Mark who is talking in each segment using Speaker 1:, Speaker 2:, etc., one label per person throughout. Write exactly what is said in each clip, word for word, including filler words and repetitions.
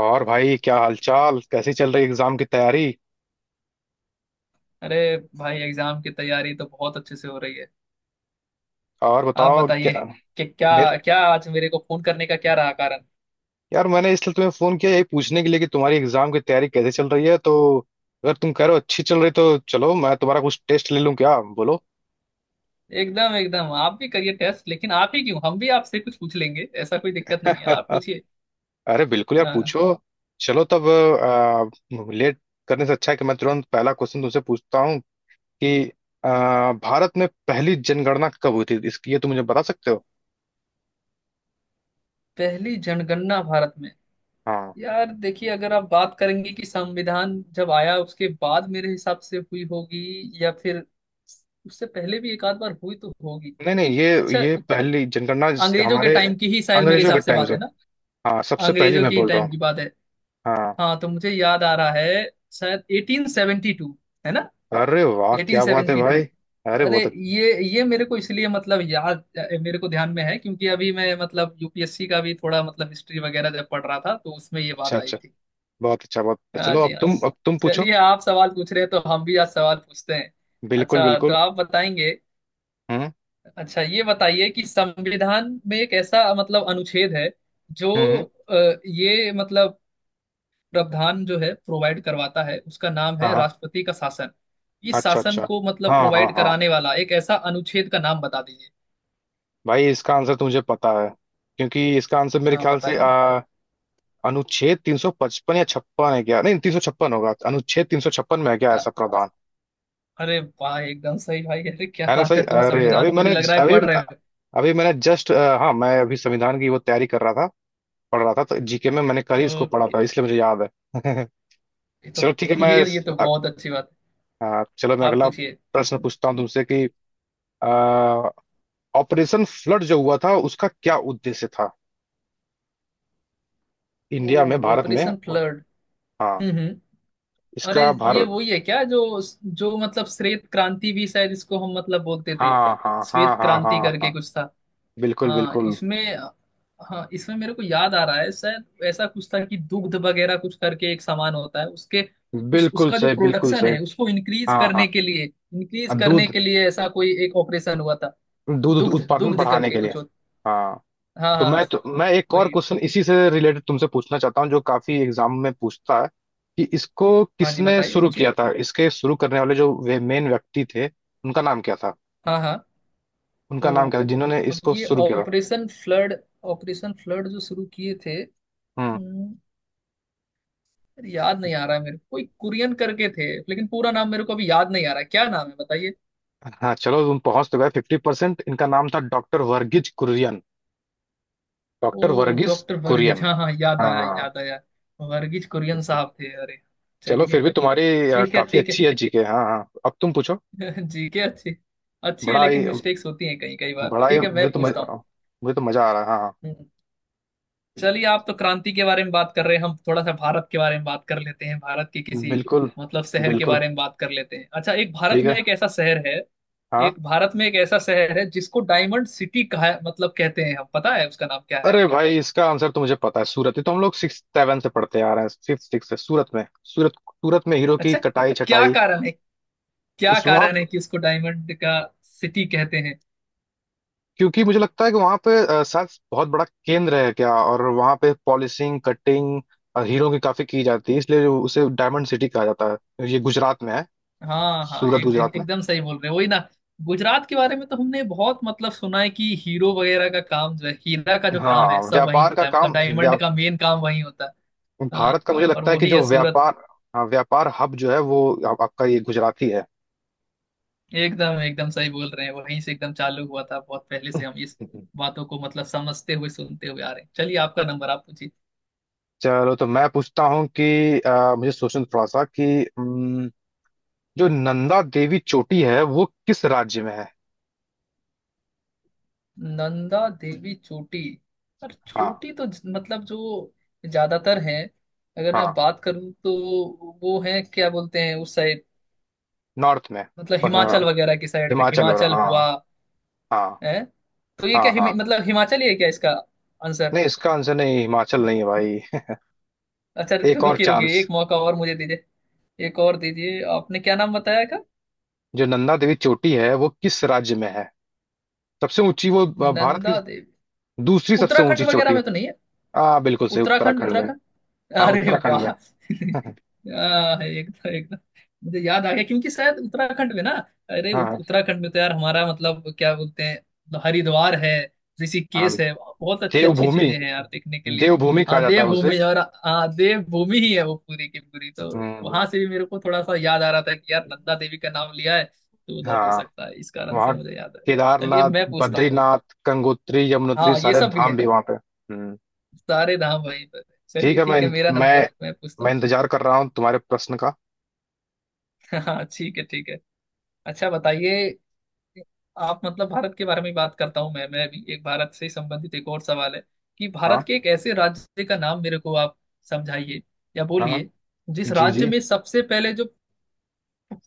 Speaker 1: और भाई क्या हालचाल, कैसी चल रही एग्जाम की तैयारी।
Speaker 2: अरे भाई एग्जाम की तैयारी तो बहुत अच्छे से हो रही है।
Speaker 1: और
Speaker 2: आप
Speaker 1: बताओ
Speaker 2: बताइए
Speaker 1: क्या।
Speaker 2: कि क्या
Speaker 1: मेरे।
Speaker 2: क्या आज मेरे को फोन करने का क्या रहा कारण।
Speaker 1: यार मैंने इसलिए तुम्हें फोन किया, यही पूछने के लिए कि तुम्हारी एग्जाम की तैयारी कैसे चल रही है, तो अगर तुम कह रहे हो अच्छी चल रही तो चलो मैं तुम्हारा कुछ टेस्ट ले लूं, क्या बोलो।
Speaker 2: एकदम एकदम, आप भी करिए टेस्ट। लेकिन आप ही क्यों, हम भी आपसे कुछ पूछ लेंगे। ऐसा कोई दिक्कत नहीं है, आप पूछिए।
Speaker 1: अरे बिल्कुल यार
Speaker 2: हाँ।
Speaker 1: पूछो। चलो तब, आ, लेट करने से अच्छा है कि मैं तुरंत पहला क्वेश्चन तुमसे पूछता हूँ कि आ, भारत में पहली जनगणना कब हुई थी, इसकी ये तुम मुझे बता सकते हो।
Speaker 2: पहली जनगणना भारत में।
Speaker 1: हाँ।
Speaker 2: यार देखिए, अगर आप बात करेंगे कि संविधान जब आया उसके बाद मेरे हिसाब से हुई होगी, या फिर उससे पहले भी एक आध बार हुई तो होगी।
Speaker 1: नहीं नहीं। ये
Speaker 2: अच्छा।
Speaker 1: ये पहली जनगणना जिस-
Speaker 2: अंग्रेजों के
Speaker 1: हमारे
Speaker 2: टाइम की ही शायद मेरे
Speaker 1: अंग्रेजों के
Speaker 2: हिसाब से
Speaker 1: टाइम
Speaker 2: बात
Speaker 1: से।
Speaker 2: है ना।
Speaker 1: हाँ सबसे पहली
Speaker 2: अंग्रेजों
Speaker 1: मैं
Speaker 2: की
Speaker 1: बोल रहा
Speaker 2: टाइम
Speaker 1: हूँ।
Speaker 2: की बात है।
Speaker 1: हाँ।
Speaker 2: हाँ, तो मुझे याद आ रहा है, शायद अठारह सौ बहत्तर। है ना?
Speaker 1: अरे वाह क्या बात है भाई।
Speaker 2: अठारह सौ बहत्तर।
Speaker 1: अरे
Speaker 2: अरे
Speaker 1: बहुत।
Speaker 2: ये ये मेरे को इसलिए मतलब याद, मेरे को ध्यान में है क्योंकि अभी मैं मतलब यूपीएससी का भी थोड़ा मतलब हिस्ट्री वगैरह जब पढ़ रहा था तो उसमें ये
Speaker 1: अच्छा
Speaker 2: बात आई
Speaker 1: अच्छा,
Speaker 2: थी।
Speaker 1: बहुत अच्छा बहुत अच्छा।
Speaker 2: हाँ
Speaker 1: चलो अब
Speaker 2: जी, हाँ
Speaker 1: तुम
Speaker 2: जी।
Speaker 1: अब तुम पूछो।
Speaker 2: चलिए आप सवाल पूछ रहे हैं तो हम भी आज सवाल पूछते हैं।
Speaker 1: बिल्कुल
Speaker 2: अच्छा तो
Speaker 1: बिल्कुल।
Speaker 2: आप बताएंगे।
Speaker 1: हम्म।
Speaker 2: अच्छा ये बताइए कि संविधान में एक ऐसा मतलब अनुच्छेद है जो
Speaker 1: हम्म।
Speaker 2: अ, ये मतलब प्रावधान जो है प्रोवाइड करवाता है, उसका नाम
Speaker 1: हाँ
Speaker 2: है
Speaker 1: हाँ।
Speaker 2: राष्ट्रपति का शासन। इस
Speaker 1: अच्छा
Speaker 2: शासन
Speaker 1: अच्छा।
Speaker 2: को मतलब
Speaker 1: हाँ हाँ
Speaker 2: प्रोवाइड
Speaker 1: हाँ।
Speaker 2: कराने वाला एक ऐसा अनुच्छेद का नाम बता दीजिए।
Speaker 1: भाई इसका आंसर तो मुझे पता है, क्योंकि इसका आंसर मेरे
Speaker 2: हाँ
Speaker 1: ख्याल से
Speaker 2: बताइए।
Speaker 1: आ, अनुच्छेद तीन सौ पचपन या छप्पन है, क्या नहीं, तीन सौ छप्पन होगा। अनुच्छेद तीन सौ छप्पन में है क्या
Speaker 2: अ-
Speaker 1: ऐसा प्रावधान।
Speaker 2: अरे वाह, एकदम सही भाई। अरे क्या
Speaker 1: है ना
Speaker 2: बात
Speaker 1: सही।
Speaker 2: है, तुम
Speaker 1: अरे अभी
Speaker 2: संविधान को
Speaker 1: मैंने
Speaker 2: भी लग रहा है
Speaker 1: अभी
Speaker 2: पढ़ रहे
Speaker 1: अभी मैंने जस्ट, हाँ मैं अभी संविधान की वो तैयारी कर रहा था, पढ़ रहा था तो जीके में मैंने कल ही
Speaker 2: हो।
Speaker 1: इसको पढ़ा
Speaker 2: ओके।
Speaker 1: था, इसलिए मुझे याद है।
Speaker 2: ये तो
Speaker 1: चलो ठीक है। मैं
Speaker 2: ये ये तो
Speaker 1: अ-
Speaker 2: बहुत अच्छी बात
Speaker 1: हाँ, चलो मैं
Speaker 2: है, आप
Speaker 1: अगला
Speaker 2: पूछिए।
Speaker 1: प्रश्न पूछता हूँ तुमसे कि ऑपरेशन फ्लड जो हुआ था उसका क्या उद्देश्य था, इंडिया में,
Speaker 2: ओ।
Speaker 1: भारत में।
Speaker 2: Operation flood.
Speaker 1: हाँ
Speaker 2: हम्म हम्म। अरे
Speaker 1: इसका
Speaker 2: ये
Speaker 1: भारत।
Speaker 2: वही है क्या जो जो मतलब श्वेत क्रांति भी शायद इसको हम मतलब बोलते थे।
Speaker 1: हाँ हाँ
Speaker 2: श्वेत
Speaker 1: हाँ हाँ
Speaker 2: क्रांति
Speaker 1: हाँ
Speaker 2: करके
Speaker 1: हाँ।
Speaker 2: कुछ था।
Speaker 1: बिल्कुल
Speaker 2: हाँ
Speaker 1: बिल्कुल।
Speaker 2: इसमें हाँ इसमें मेरे को याद आ रहा है, शायद ऐसा कुछ था कि दुग्ध वगैरह कुछ करके एक सामान होता है उसके, उस
Speaker 1: बिल्कुल
Speaker 2: उसका जो
Speaker 1: सही बिल्कुल
Speaker 2: प्रोडक्शन है,
Speaker 1: सही।
Speaker 2: उसको इंक्रीज
Speaker 1: हाँ
Speaker 2: करने
Speaker 1: हाँ।
Speaker 2: के लिए इंक्रीज करने
Speaker 1: दूध।
Speaker 2: के लिए ऐसा कोई एक ऑपरेशन हुआ था।
Speaker 1: दूध
Speaker 2: दुग्ध
Speaker 1: उत्पादन
Speaker 2: दुग्ध
Speaker 1: बढ़ाने
Speaker 2: करके
Speaker 1: के लिए।
Speaker 2: कुछ होता।
Speaker 1: हाँ।
Speaker 2: हाँ
Speaker 1: तो
Speaker 2: हाँ
Speaker 1: मैं
Speaker 2: हाँ,
Speaker 1: तो मैं एक और
Speaker 2: कोई।
Speaker 1: क्वेश्चन इसी से रिलेटेड तुमसे पूछना चाहता हूँ जो काफी एग्जाम में पूछता है, कि इसको
Speaker 2: हाँ जी,
Speaker 1: किसने
Speaker 2: बताइए
Speaker 1: शुरू
Speaker 2: पूछिए।
Speaker 1: किया था, इसके शुरू करने वाले जो वे मेन व्यक्ति थे उनका नाम क्या था।
Speaker 2: हाँ हाँ। वो
Speaker 1: उनका नाम क्या था जिन्होंने
Speaker 2: अब
Speaker 1: इसको
Speaker 2: ये
Speaker 1: शुरू किया था।
Speaker 2: ऑपरेशन फ्लड ऑपरेशन फ्लड जो शुरू किए थे।
Speaker 1: हम्म।
Speaker 2: हम्म, याद नहीं आ रहा है मेरे को, कोई कुरियन करके थे लेकिन पूरा नाम मेरे को अभी याद नहीं आ रहा है। क्या नाम है बताइए।
Speaker 1: हाँ चलो तुम पहुंच तो गए फिफ्टी परसेंट। इनका नाम था डॉक्टर वर्गीज कुरियन। डॉक्टर
Speaker 2: ओ,
Speaker 1: वर्गीज
Speaker 2: डॉक्टर वर्गीज।
Speaker 1: कुरियन।
Speaker 2: हाँ हाँ, याद आया
Speaker 1: हाँ।
Speaker 2: याद आया। वर्गीज कुरियन साहब थे। अरे
Speaker 1: चलो फिर
Speaker 2: चलिए,
Speaker 1: भी तुम्हारी अ,
Speaker 2: ठीक है
Speaker 1: काफी
Speaker 2: ठीक है।
Speaker 1: अच्छी है जीके। हाँ हाँ अब तुम पूछो।
Speaker 2: जीके अच्छी अच्छी है,
Speaker 1: बड़ा
Speaker 2: लेकिन
Speaker 1: ही
Speaker 2: मिस्टेक्स होती हैं कई कई बार।
Speaker 1: बड़ा ही,
Speaker 2: ठीक है, मैं
Speaker 1: मुझे तो
Speaker 2: पूछता हूँ।
Speaker 1: मजा मुझे तो मजा आ रहा है हाँ।
Speaker 2: हम्म, चलिए आप तो क्रांति के बारे में बात कर रहे हैं, हम थोड़ा सा भारत के बारे में बात कर लेते हैं। भारत के
Speaker 1: हाँ
Speaker 2: किसी
Speaker 1: बिल्कुल
Speaker 2: मतलब शहर के
Speaker 1: बिल्कुल
Speaker 2: बारे में बात कर लेते हैं। अच्छा एक भारत
Speaker 1: ठीक
Speaker 2: में
Speaker 1: है
Speaker 2: एक ऐसा शहर है
Speaker 1: हाँ।
Speaker 2: एक भारत में एक ऐसा शहर है जिसको डायमंड सिटी कहा मतलब कहते हैं। हम पता है उसका नाम क्या है?
Speaker 1: अरे भाई इसका आंसर तो मुझे पता है, सूरत। ये तो हम लोग सिक्स सेवन से पढ़ते आ रहे हैं, फिफ्थ सिक्स से, सूरत में। सूरत। सूरत में हीरो की
Speaker 2: अच्छा
Speaker 1: कटाई
Speaker 2: क्या
Speaker 1: छटाई।
Speaker 2: कारण है क्या
Speaker 1: उस वहां,
Speaker 2: कारण है कि उसको डायमंड का सिटी कहते हैं?
Speaker 1: क्योंकि मुझे लगता है कि वहां पे अ, शायद बहुत बड़ा केंद्र है क्या, और वहां पे पॉलिशिंग कटिंग हीरो की काफी की जाती है, इसलिए उसे डायमंड सिटी कहा जाता है। ये गुजरात में है।
Speaker 2: हाँ हाँ,
Speaker 1: सूरत
Speaker 2: एक, एक,
Speaker 1: गुजरात में।
Speaker 2: एकदम सही बोल रहे हो वही ना। गुजरात के बारे में तो हमने बहुत मतलब सुना है कि हीरो वगैरह का काम जो है, हीरा का जो काम
Speaker 1: हाँ
Speaker 2: है, सब वही
Speaker 1: व्यापार का
Speaker 2: होता है। मतलब
Speaker 1: काम, व्या,
Speaker 2: डायमंड का मेन काम वही होता है। हाँ,
Speaker 1: भारत का मुझे
Speaker 2: और
Speaker 1: लगता है कि
Speaker 2: वही
Speaker 1: जो
Speaker 2: है सूरत।
Speaker 1: व्यापार। हाँ व्यापार हब जो है वो। आप, आपका ये गुजराती
Speaker 2: एकदम एकदम सही बोल रहे हैं, वहीं से एकदम चालू हुआ था। बहुत पहले से हम इस
Speaker 1: है।
Speaker 2: बातों को मतलब समझते हुए सुनते हुए आ रहे हैं। चलिए आपका नंबर, आप पूछिए।
Speaker 1: चलो तो मैं पूछता हूँ कि अ, मुझे सोचने दो थोड़ा सा कि हम्म, जो नंदा देवी चोटी है वो किस राज्य में है।
Speaker 2: नंदा देवी चोटी। और
Speaker 1: हाँ
Speaker 2: चोटी तो ज- मतलब जो ज्यादातर हैं। अगर मैं
Speaker 1: हाँ
Speaker 2: बात करूं तो वो है क्या बोलते हैं उस साइड,
Speaker 1: नॉर्थ में।
Speaker 2: मतलब
Speaker 1: हाँ,
Speaker 2: हिमाचल वगैरह की साइड में,
Speaker 1: हिमाचल हो रहा
Speaker 2: हिमाचल
Speaker 1: हाँ।
Speaker 2: हुआ
Speaker 1: हाँ
Speaker 2: है। तो ये
Speaker 1: हाँ
Speaker 2: क्या हिम,
Speaker 1: हाँ।
Speaker 2: मतलब हिमाचल ही है क्या इसका आंसर?
Speaker 1: नहीं इसका आंसर नहीं, हिमाचल नहीं है भाई।
Speaker 2: अच्छा रु-
Speaker 1: एक और
Speaker 2: रुकिए रुकिए,
Speaker 1: चांस।
Speaker 2: एक मौका और मुझे दीजिए। एक और दीजिए। आपने क्या नाम बताया का?
Speaker 1: जो नंदा देवी चोटी है वो किस राज्य में है, सबसे ऊंची, वो अ, भारत की
Speaker 2: नंदा देवी।
Speaker 1: दूसरी सबसे
Speaker 2: उत्तराखंड
Speaker 1: ऊंची
Speaker 2: वगैरह
Speaker 1: चोटी
Speaker 2: में
Speaker 1: है।
Speaker 2: तो नहीं है?
Speaker 1: हाँ बिल्कुल सही,
Speaker 2: उत्तराखंड
Speaker 1: उत्तराखंड में।
Speaker 2: उत्तराखंड,
Speaker 1: हाँ
Speaker 2: अरे
Speaker 1: उत्तराखंड
Speaker 2: वाह
Speaker 1: में।
Speaker 2: आह, एकदम एकदम। मुझे याद आ गया क्योंकि शायद उत्तराखंड में ना। अरे उत-
Speaker 1: हाँ
Speaker 2: उत्तराखंड में तो यार हमारा मतलब क्या बोलते हैं, हरिद्वार है,
Speaker 1: हाँ।
Speaker 2: ऋषिकेश है। बहुत अच्छी अच्छी
Speaker 1: देवभूमि।
Speaker 2: चीजें हैं यार देखने के लिए।
Speaker 1: देवभूमि कहा
Speaker 2: हाँ
Speaker 1: जाता है उसे।
Speaker 2: देवभूमि, और हाँ देवभूमि ही है वो पूरी की पूरी तो। वहां
Speaker 1: हम्म।
Speaker 2: से भी मेरे को थोड़ा सा याद आ रहा था कि यार नंदा देवी का नाम लिया है तो उधर हो
Speaker 1: हाँ
Speaker 2: सकता है, इस कारण से
Speaker 1: वहाँ
Speaker 2: मुझे याद है। चलिए
Speaker 1: केदारनाथ,
Speaker 2: मैं पूछता हूँ।
Speaker 1: बद्रीनाथ, गंगोत्री, यमुनोत्री,
Speaker 2: हाँ ये
Speaker 1: सारे
Speaker 2: सब भी है,
Speaker 1: धाम भी वहाँ पे। हम्म।
Speaker 2: सारे धाम वहीं पर है।
Speaker 1: ठीक
Speaker 2: चलिए
Speaker 1: है मैं
Speaker 2: ठीक है, मेरा
Speaker 1: मैं
Speaker 2: नंबर मैं पूछता
Speaker 1: मैं
Speaker 2: हूँ।
Speaker 1: इंतजार कर रहा हूँ तुम्हारे प्रश्न का।
Speaker 2: हाँ ठीक है ठीक है। अच्छा बताइए। आप मतलब भारत के बारे में ही बात करता हूँ। मैं मैं भी एक भारत से संबंधित एक और सवाल है कि
Speaker 1: हाँ
Speaker 2: भारत के एक ऐसे राज्य का नाम मेरे को आप समझाइए या
Speaker 1: हाँ हाँ।
Speaker 2: बोलिए, जिस
Speaker 1: जी जी।
Speaker 2: राज्य में सबसे पहले जो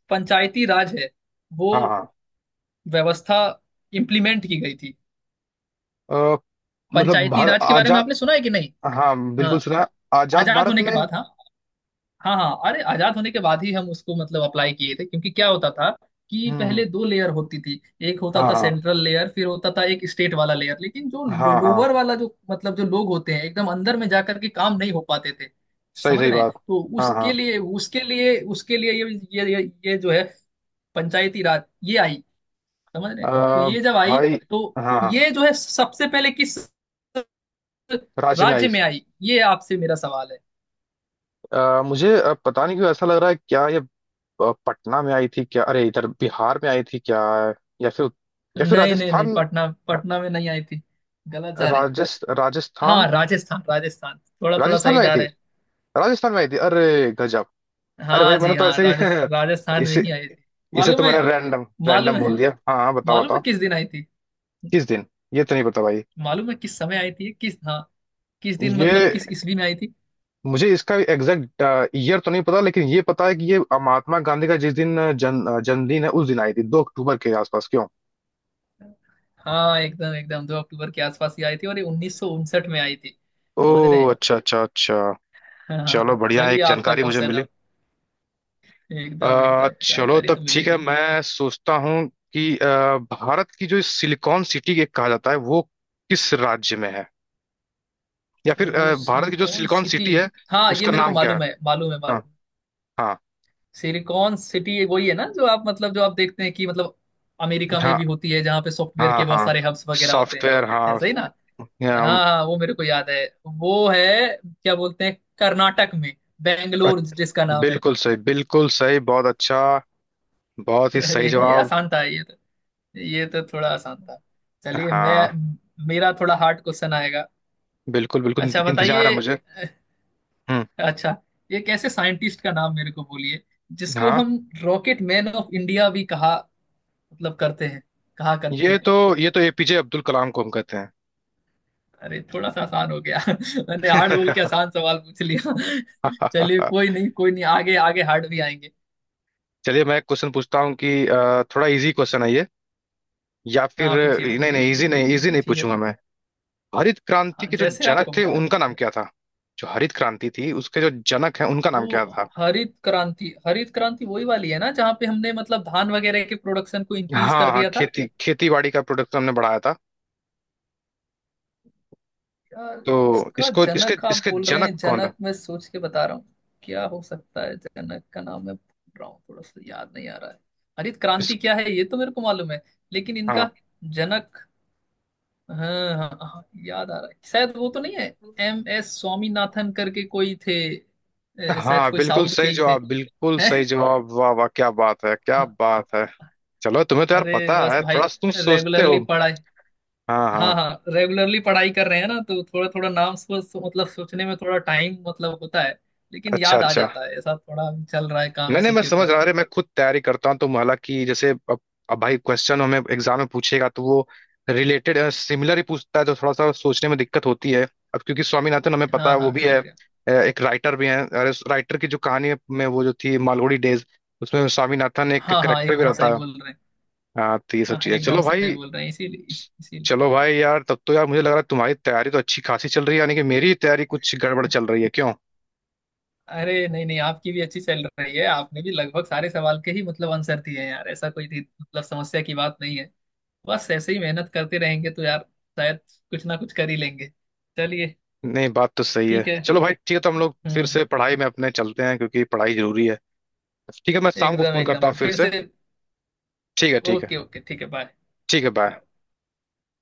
Speaker 2: पंचायती राज है वो
Speaker 1: हाँ हाँ
Speaker 2: व्यवस्था इम्प्लीमेंट की गई थी।
Speaker 1: अ, मतलब
Speaker 2: पंचायती
Speaker 1: भारत
Speaker 2: राज के बारे में
Speaker 1: आजाद।
Speaker 2: आपने सुना है कि नहीं?
Speaker 1: हाँ
Speaker 2: हाँ।
Speaker 1: बिल्कुल सुना है। आजाद
Speaker 2: आजाद
Speaker 1: भारत
Speaker 2: होने के
Speaker 1: में।
Speaker 2: बाद। हाँ हाँ हाँ, अरे आजाद होने के बाद ही हम उसको मतलब अप्लाई किए थे क्योंकि क्या होता था कि
Speaker 1: हम्म
Speaker 2: पहले
Speaker 1: हम्म।
Speaker 2: दो लेयर होती थी। एक होता
Speaker 1: हाँ
Speaker 2: था
Speaker 1: हाँ
Speaker 2: सेंट्रल लेयर, फिर होता था एक स्टेट वाला लेयर। लेकिन जो
Speaker 1: हाँ हाँ।
Speaker 2: लोअर वाला, जो मतलब जो लोग होते हैं एकदम अंदर में जाकर के काम नहीं हो पाते थे,
Speaker 1: सही
Speaker 2: समझ
Speaker 1: सही
Speaker 2: रहे हैं?
Speaker 1: बात।
Speaker 2: तो
Speaker 1: हाँ हाँ।
Speaker 2: उसके लिए उसके लिए उसके लिए ये ये ये, ये जो है पंचायती राज ये आई। समझ रहे
Speaker 1: अ,
Speaker 2: हैं? तो ये जब आई,
Speaker 1: भाई।
Speaker 2: तो
Speaker 1: हाँ हाँ
Speaker 2: ये जो है सबसे पहले किस
Speaker 1: राज्य में आई।
Speaker 2: राज्य में आई, ये आपसे मेरा सवाल है।
Speaker 1: अ, मुझे अ, पता नहीं क्यों ऐसा लग रहा है क्या ये, अ, पटना में आई थी क्या, अरे इधर बिहार में आई थी क्या, या फिर या फिर
Speaker 2: नहीं नहीं नहीं,
Speaker 1: राजस्थान।
Speaker 2: पटना पटना में नहीं आई थी, गलत जा रहे हैं।
Speaker 1: राजस्थ राजस्थान।
Speaker 2: हाँ राजस्थान राजस्थान, थोड़ा थोड़ा
Speaker 1: राजस्थान
Speaker 2: सही
Speaker 1: में आई
Speaker 2: जा
Speaker 1: थी।
Speaker 2: रहे हैं।
Speaker 1: राजस्थान में आई थी अरे गजब। अरे भाई
Speaker 2: हाँ जी,
Speaker 1: मैंने तो
Speaker 2: हाँ
Speaker 1: ऐसे
Speaker 2: राजस,
Speaker 1: ही
Speaker 2: राजस्थान में
Speaker 1: इसे।
Speaker 2: ही आई थी।
Speaker 1: इसे तो
Speaker 2: मालूम है,
Speaker 1: मैंने रैंडम
Speaker 2: मालूम
Speaker 1: रैंडम
Speaker 2: है,
Speaker 1: बोल दिया। हाँ हाँ बताओ
Speaker 2: मालूम
Speaker 1: बताओ।
Speaker 2: है किस दिन आई थी।
Speaker 1: किस दिन, ये तो नहीं पता भाई।
Speaker 2: मालूम है किस समय आई थी, किस, हाँ, किस दिन
Speaker 1: ये,
Speaker 2: मतलब किस ईस्वी में आई थी?
Speaker 1: मुझे इसका एग्जैक्ट ईयर तो नहीं पता, लेकिन ये पता है कि ये महात्मा गांधी का जिस दिन अ, जन अ, जन्मदिन है उस दिन आई थी, दो अक्टूबर के आसपास, क्यों।
Speaker 2: हाँ एकदम एकदम, दो अक्टूबर के आसपास ही आई थी और ये उन्नीस सौ उनसठ में आई थी,
Speaker 1: ओ
Speaker 2: समझ रहे हैं।
Speaker 1: अच्छा अच्छा अच्छा। चलो
Speaker 2: हाँ
Speaker 1: बढ़िया है,
Speaker 2: चलिए
Speaker 1: एक
Speaker 2: आपका
Speaker 1: जानकारी मुझे
Speaker 2: क्वेश्चन
Speaker 1: मिली।
Speaker 2: अब। एकदम
Speaker 1: अ,
Speaker 2: एकदम,
Speaker 1: चलो
Speaker 2: जानकारी
Speaker 1: तब
Speaker 2: तो
Speaker 1: ठीक है,
Speaker 2: मिलेगी।
Speaker 1: मैं सोचता हूँ कि अ, भारत की जो सिलिकॉन सिटी के कहा जाता है वो किस राज्य में है, या फिर
Speaker 2: ओ
Speaker 1: अ, भारत की जो
Speaker 2: सिलिकॉन
Speaker 1: सिलिकॉन
Speaker 2: सिटी,
Speaker 1: सिटी है
Speaker 2: हाँ ये
Speaker 1: उसका
Speaker 2: मेरे को
Speaker 1: नाम क्या है।
Speaker 2: मालूम है मालूम है
Speaker 1: हाँ
Speaker 2: मालूम है।
Speaker 1: हाँ
Speaker 2: सिलिकॉन सिटी वही है ना जो आप मतलब जो आप देखते हैं कि मतलब अमेरिका में
Speaker 1: हाँ
Speaker 2: भी होती है, जहाँ पे सॉफ्टवेयर
Speaker 1: हाँ
Speaker 2: के बहुत
Speaker 1: हाँ।
Speaker 2: सारे हब्स वगैरह होते हैं,
Speaker 1: सॉफ्टवेयर हाँ।
Speaker 2: ऐसा ही ना?
Speaker 1: हाँ,
Speaker 2: हाँ हाँ वो मेरे को याद है। वो है क्या बोलते हैं, कर्नाटक में
Speaker 1: अ-
Speaker 2: बेंगलोर जिसका नाम है।
Speaker 1: बिल्कुल सही बिल्कुल सही बहुत अच्छा। बहुत ही सही
Speaker 2: अरे ये
Speaker 1: जवाब।
Speaker 2: आसान था, ये तो ये तो थोड़ा आसान था। चलिए मैं
Speaker 1: हाँ
Speaker 2: मेरा थोड़ा हार्ड क्वेश्चन आएगा।
Speaker 1: बिल्कुल बिल्कुल
Speaker 2: अच्छा
Speaker 1: इंतजार है
Speaker 2: बताइए।
Speaker 1: मुझे। हम्म।
Speaker 2: अच्छा ये कैसे साइंटिस्ट का नाम मेरे को बोलिए जिसको
Speaker 1: हाँ
Speaker 2: हम रॉकेट मैन ऑफ इंडिया भी कहा मतलब करते हैं, कहा करते
Speaker 1: ये
Speaker 2: हैं।
Speaker 1: तो ये तो एपीजे अब्दुल कलाम को हम कहते
Speaker 2: अरे थोड़ा सा आसान हो गया। मैंने हार्ड बोल के
Speaker 1: हैं।
Speaker 2: आसान सवाल पूछ लिया। चलिए कोई नहीं कोई नहीं, आगे आगे हार्ड भी आएंगे।
Speaker 1: चलिए मैं एक क्वेश्चन पूछता हूँ कि अ, थोड़ा इजी क्वेश्चन है ये, या फिर
Speaker 2: हाँ पूछिए
Speaker 1: नहीं
Speaker 2: पूछिए
Speaker 1: नहीं,
Speaker 2: जी
Speaker 1: इजी
Speaker 2: जी,
Speaker 1: नहीं, इजी
Speaker 2: ये
Speaker 1: नहीं
Speaker 2: चाहिए
Speaker 1: पूछूंगा
Speaker 2: तो।
Speaker 1: मैं। हरित क्रांति
Speaker 2: हाँ
Speaker 1: के जो
Speaker 2: जैसे
Speaker 1: जनक
Speaker 2: आपको
Speaker 1: थे
Speaker 2: पूछना है।
Speaker 1: उनका नाम क्या था। जो हरित क्रांति थी उसके जो जनक हैं उनका नाम क्या
Speaker 2: वो
Speaker 1: था।
Speaker 2: हरित क्रांति हरित क्रांति वही वाली है ना जहाँ पे हमने मतलब धान वगैरह के प्रोडक्शन को
Speaker 1: हाँ
Speaker 2: इंक्रीज कर
Speaker 1: हाँ
Speaker 2: दिया था।
Speaker 1: खेती खेती बाड़ी का प्रोडक्शन हमने बढ़ाया था।
Speaker 2: यार
Speaker 1: तो
Speaker 2: इसका
Speaker 1: इसको इसके
Speaker 2: जनक आप
Speaker 1: इसके
Speaker 2: बोल रहे हैं,
Speaker 1: जनक कौन
Speaker 2: जनक
Speaker 1: था।
Speaker 2: मैं सोच के बता रहा हूँ क्या हो सकता है। जनक का नाम मैं भूल रहा हूँ, थोड़ा सा याद नहीं आ रहा है। हरित
Speaker 1: इस।
Speaker 2: क्रांति क्या है ये तो मेरे को मालूम है, लेकिन
Speaker 1: हाँ
Speaker 2: इनका जनक, हाँ हाँ हाँ, याद आ रहा है, शायद वो तो नहीं है। एम एस स्वामीनाथन करके कोई थे, ए, शायद
Speaker 1: हाँ
Speaker 2: कोई
Speaker 1: बिल्कुल
Speaker 2: साउथ के
Speaker 1: सही
Speaker 2: ही थे।
Speaker 1: जवाब बिल्कुल सही
Speaker 2: हैं।
Speaker 1: जवाब, वाह वाह क्या बात है क्या
Speaker 2: हाँ,
Speaker 1: बात है। चलो तुम्हें तो यार
Speaker 2: अरे
Speaker 1: पता
Speaker 2: बस
Speaker 1: है,
Speaker 2: भाई
Speaker 1: थोड़ा तुम सोचते हो।
Speaker 2: रेगुलरली पढ़ाई
Speaker 1: हाँ
Speaker 2: हाँ
Speaker 1: हाँ।
Speaker 2: हाँ रेगुलरली पढ़ाई कर रहे हैं ना, तो थोड़ा थोड़ा नाम सोच मतलब सोचने में थोड़ा टाइम मतलब होता है, लेकिन
Speaker 1: अच्छा
Speaker 2: याद आ
Speaker 1: अच्छा।
Speaker 2: जाता है। ऐसा थोड़ा चल रहा है काम
Speaker 1: नहीं नहीं
Speaker 2: इसी
Speaker 1: मैं
Speaker 2: के
Speaker 1: समझ रहा
Speaker 2: ऊपर।
Speaker 1: हूँ, अरे मैं खुद तैयारी करता हूँ तो, हालांकि जैसे अब, अब भाई क्वेश्चन हमें एग्जाम में पूछेगा तो वो रिलेटेड सिमिलर ही पूछता है, तो थोड़ा सा सोचने में दिक्कत होती है। अब क्योंकि स्वामीनाथन हमें पता
Speaker 2: हाँ
Speaker 1: है वो
Speaker 2: हाँ
Speaker 1: भी है।
Speaker 2: एकदम।
Speaker 1: अ, एक राइटर भी है, अरे राइटर की जो कहानी है, में वो जो थी मालगुडी डेज, उसमें स्वामीनाथन एक
Speaker 2: हाँ हाँ
Speaker 1: करेक्टर भी
Speaker 2: एकदम
Speaker 1: रहता
Speaker 2: सही
Speaker 1: है।
Speaker 2: बोल रहे हैं।
Speaker 1: हाँ तो ये सब
Speaker 2: हाँ
Speaker 1: चीजें,
Speaker 2: एकदम
Speaker 1: चलो भाई।
Speaker 2: सही बोल रहे हैं, इसीलिए इस, इसीलिए।
Speaker 1: चलो भाई यार, तब तो यार मुझे लग रहा है तुम्हारी तैयारी तो अच्छी खासी चल रही है, यानी कि मेरी तैयारी कुछ गड़बड़ चल रही है क्यों।
Speaker 2: अरे नहीं नहीं, आपकी भी अच्छी चल रही है। आपने भी लगभग सारे सवाल के ही मतलब आंसर दिए हैं यार, ऐसा कोई थी- मतलब समस्या की बात नहीं है। बस ऐसे ही मेहनत करते रहेंगे तो यार शायद कुछ ना कुछ कर ही लेंगे। चलिए
Speaker 1: नहीं बात तो सही है,
Speaker 2: ठीक है।
Speaker 1: चलो भाई ठीक है, तो हम लोग फिर
Speaker 2: हम्म।
Speaker 1: से पढ़ाई में अपने चलते हैं, क्योंकि पढ़ाई जरूरी है। ठीक है मैं शाम को
Speaker 2: एकदम
Speaker 1: फोन
Speaker 2: एकदम,
Speaker 1: करता हूँ फिर
Speaker 2: फिर
Speaker 1: से।
Speaker 2: से। ओ-
Speaker 1: ठीक है ठीक है।
Speaker 2: ओके ओके, ठीक है बाय।
Speaker 1: ठीक है बाय।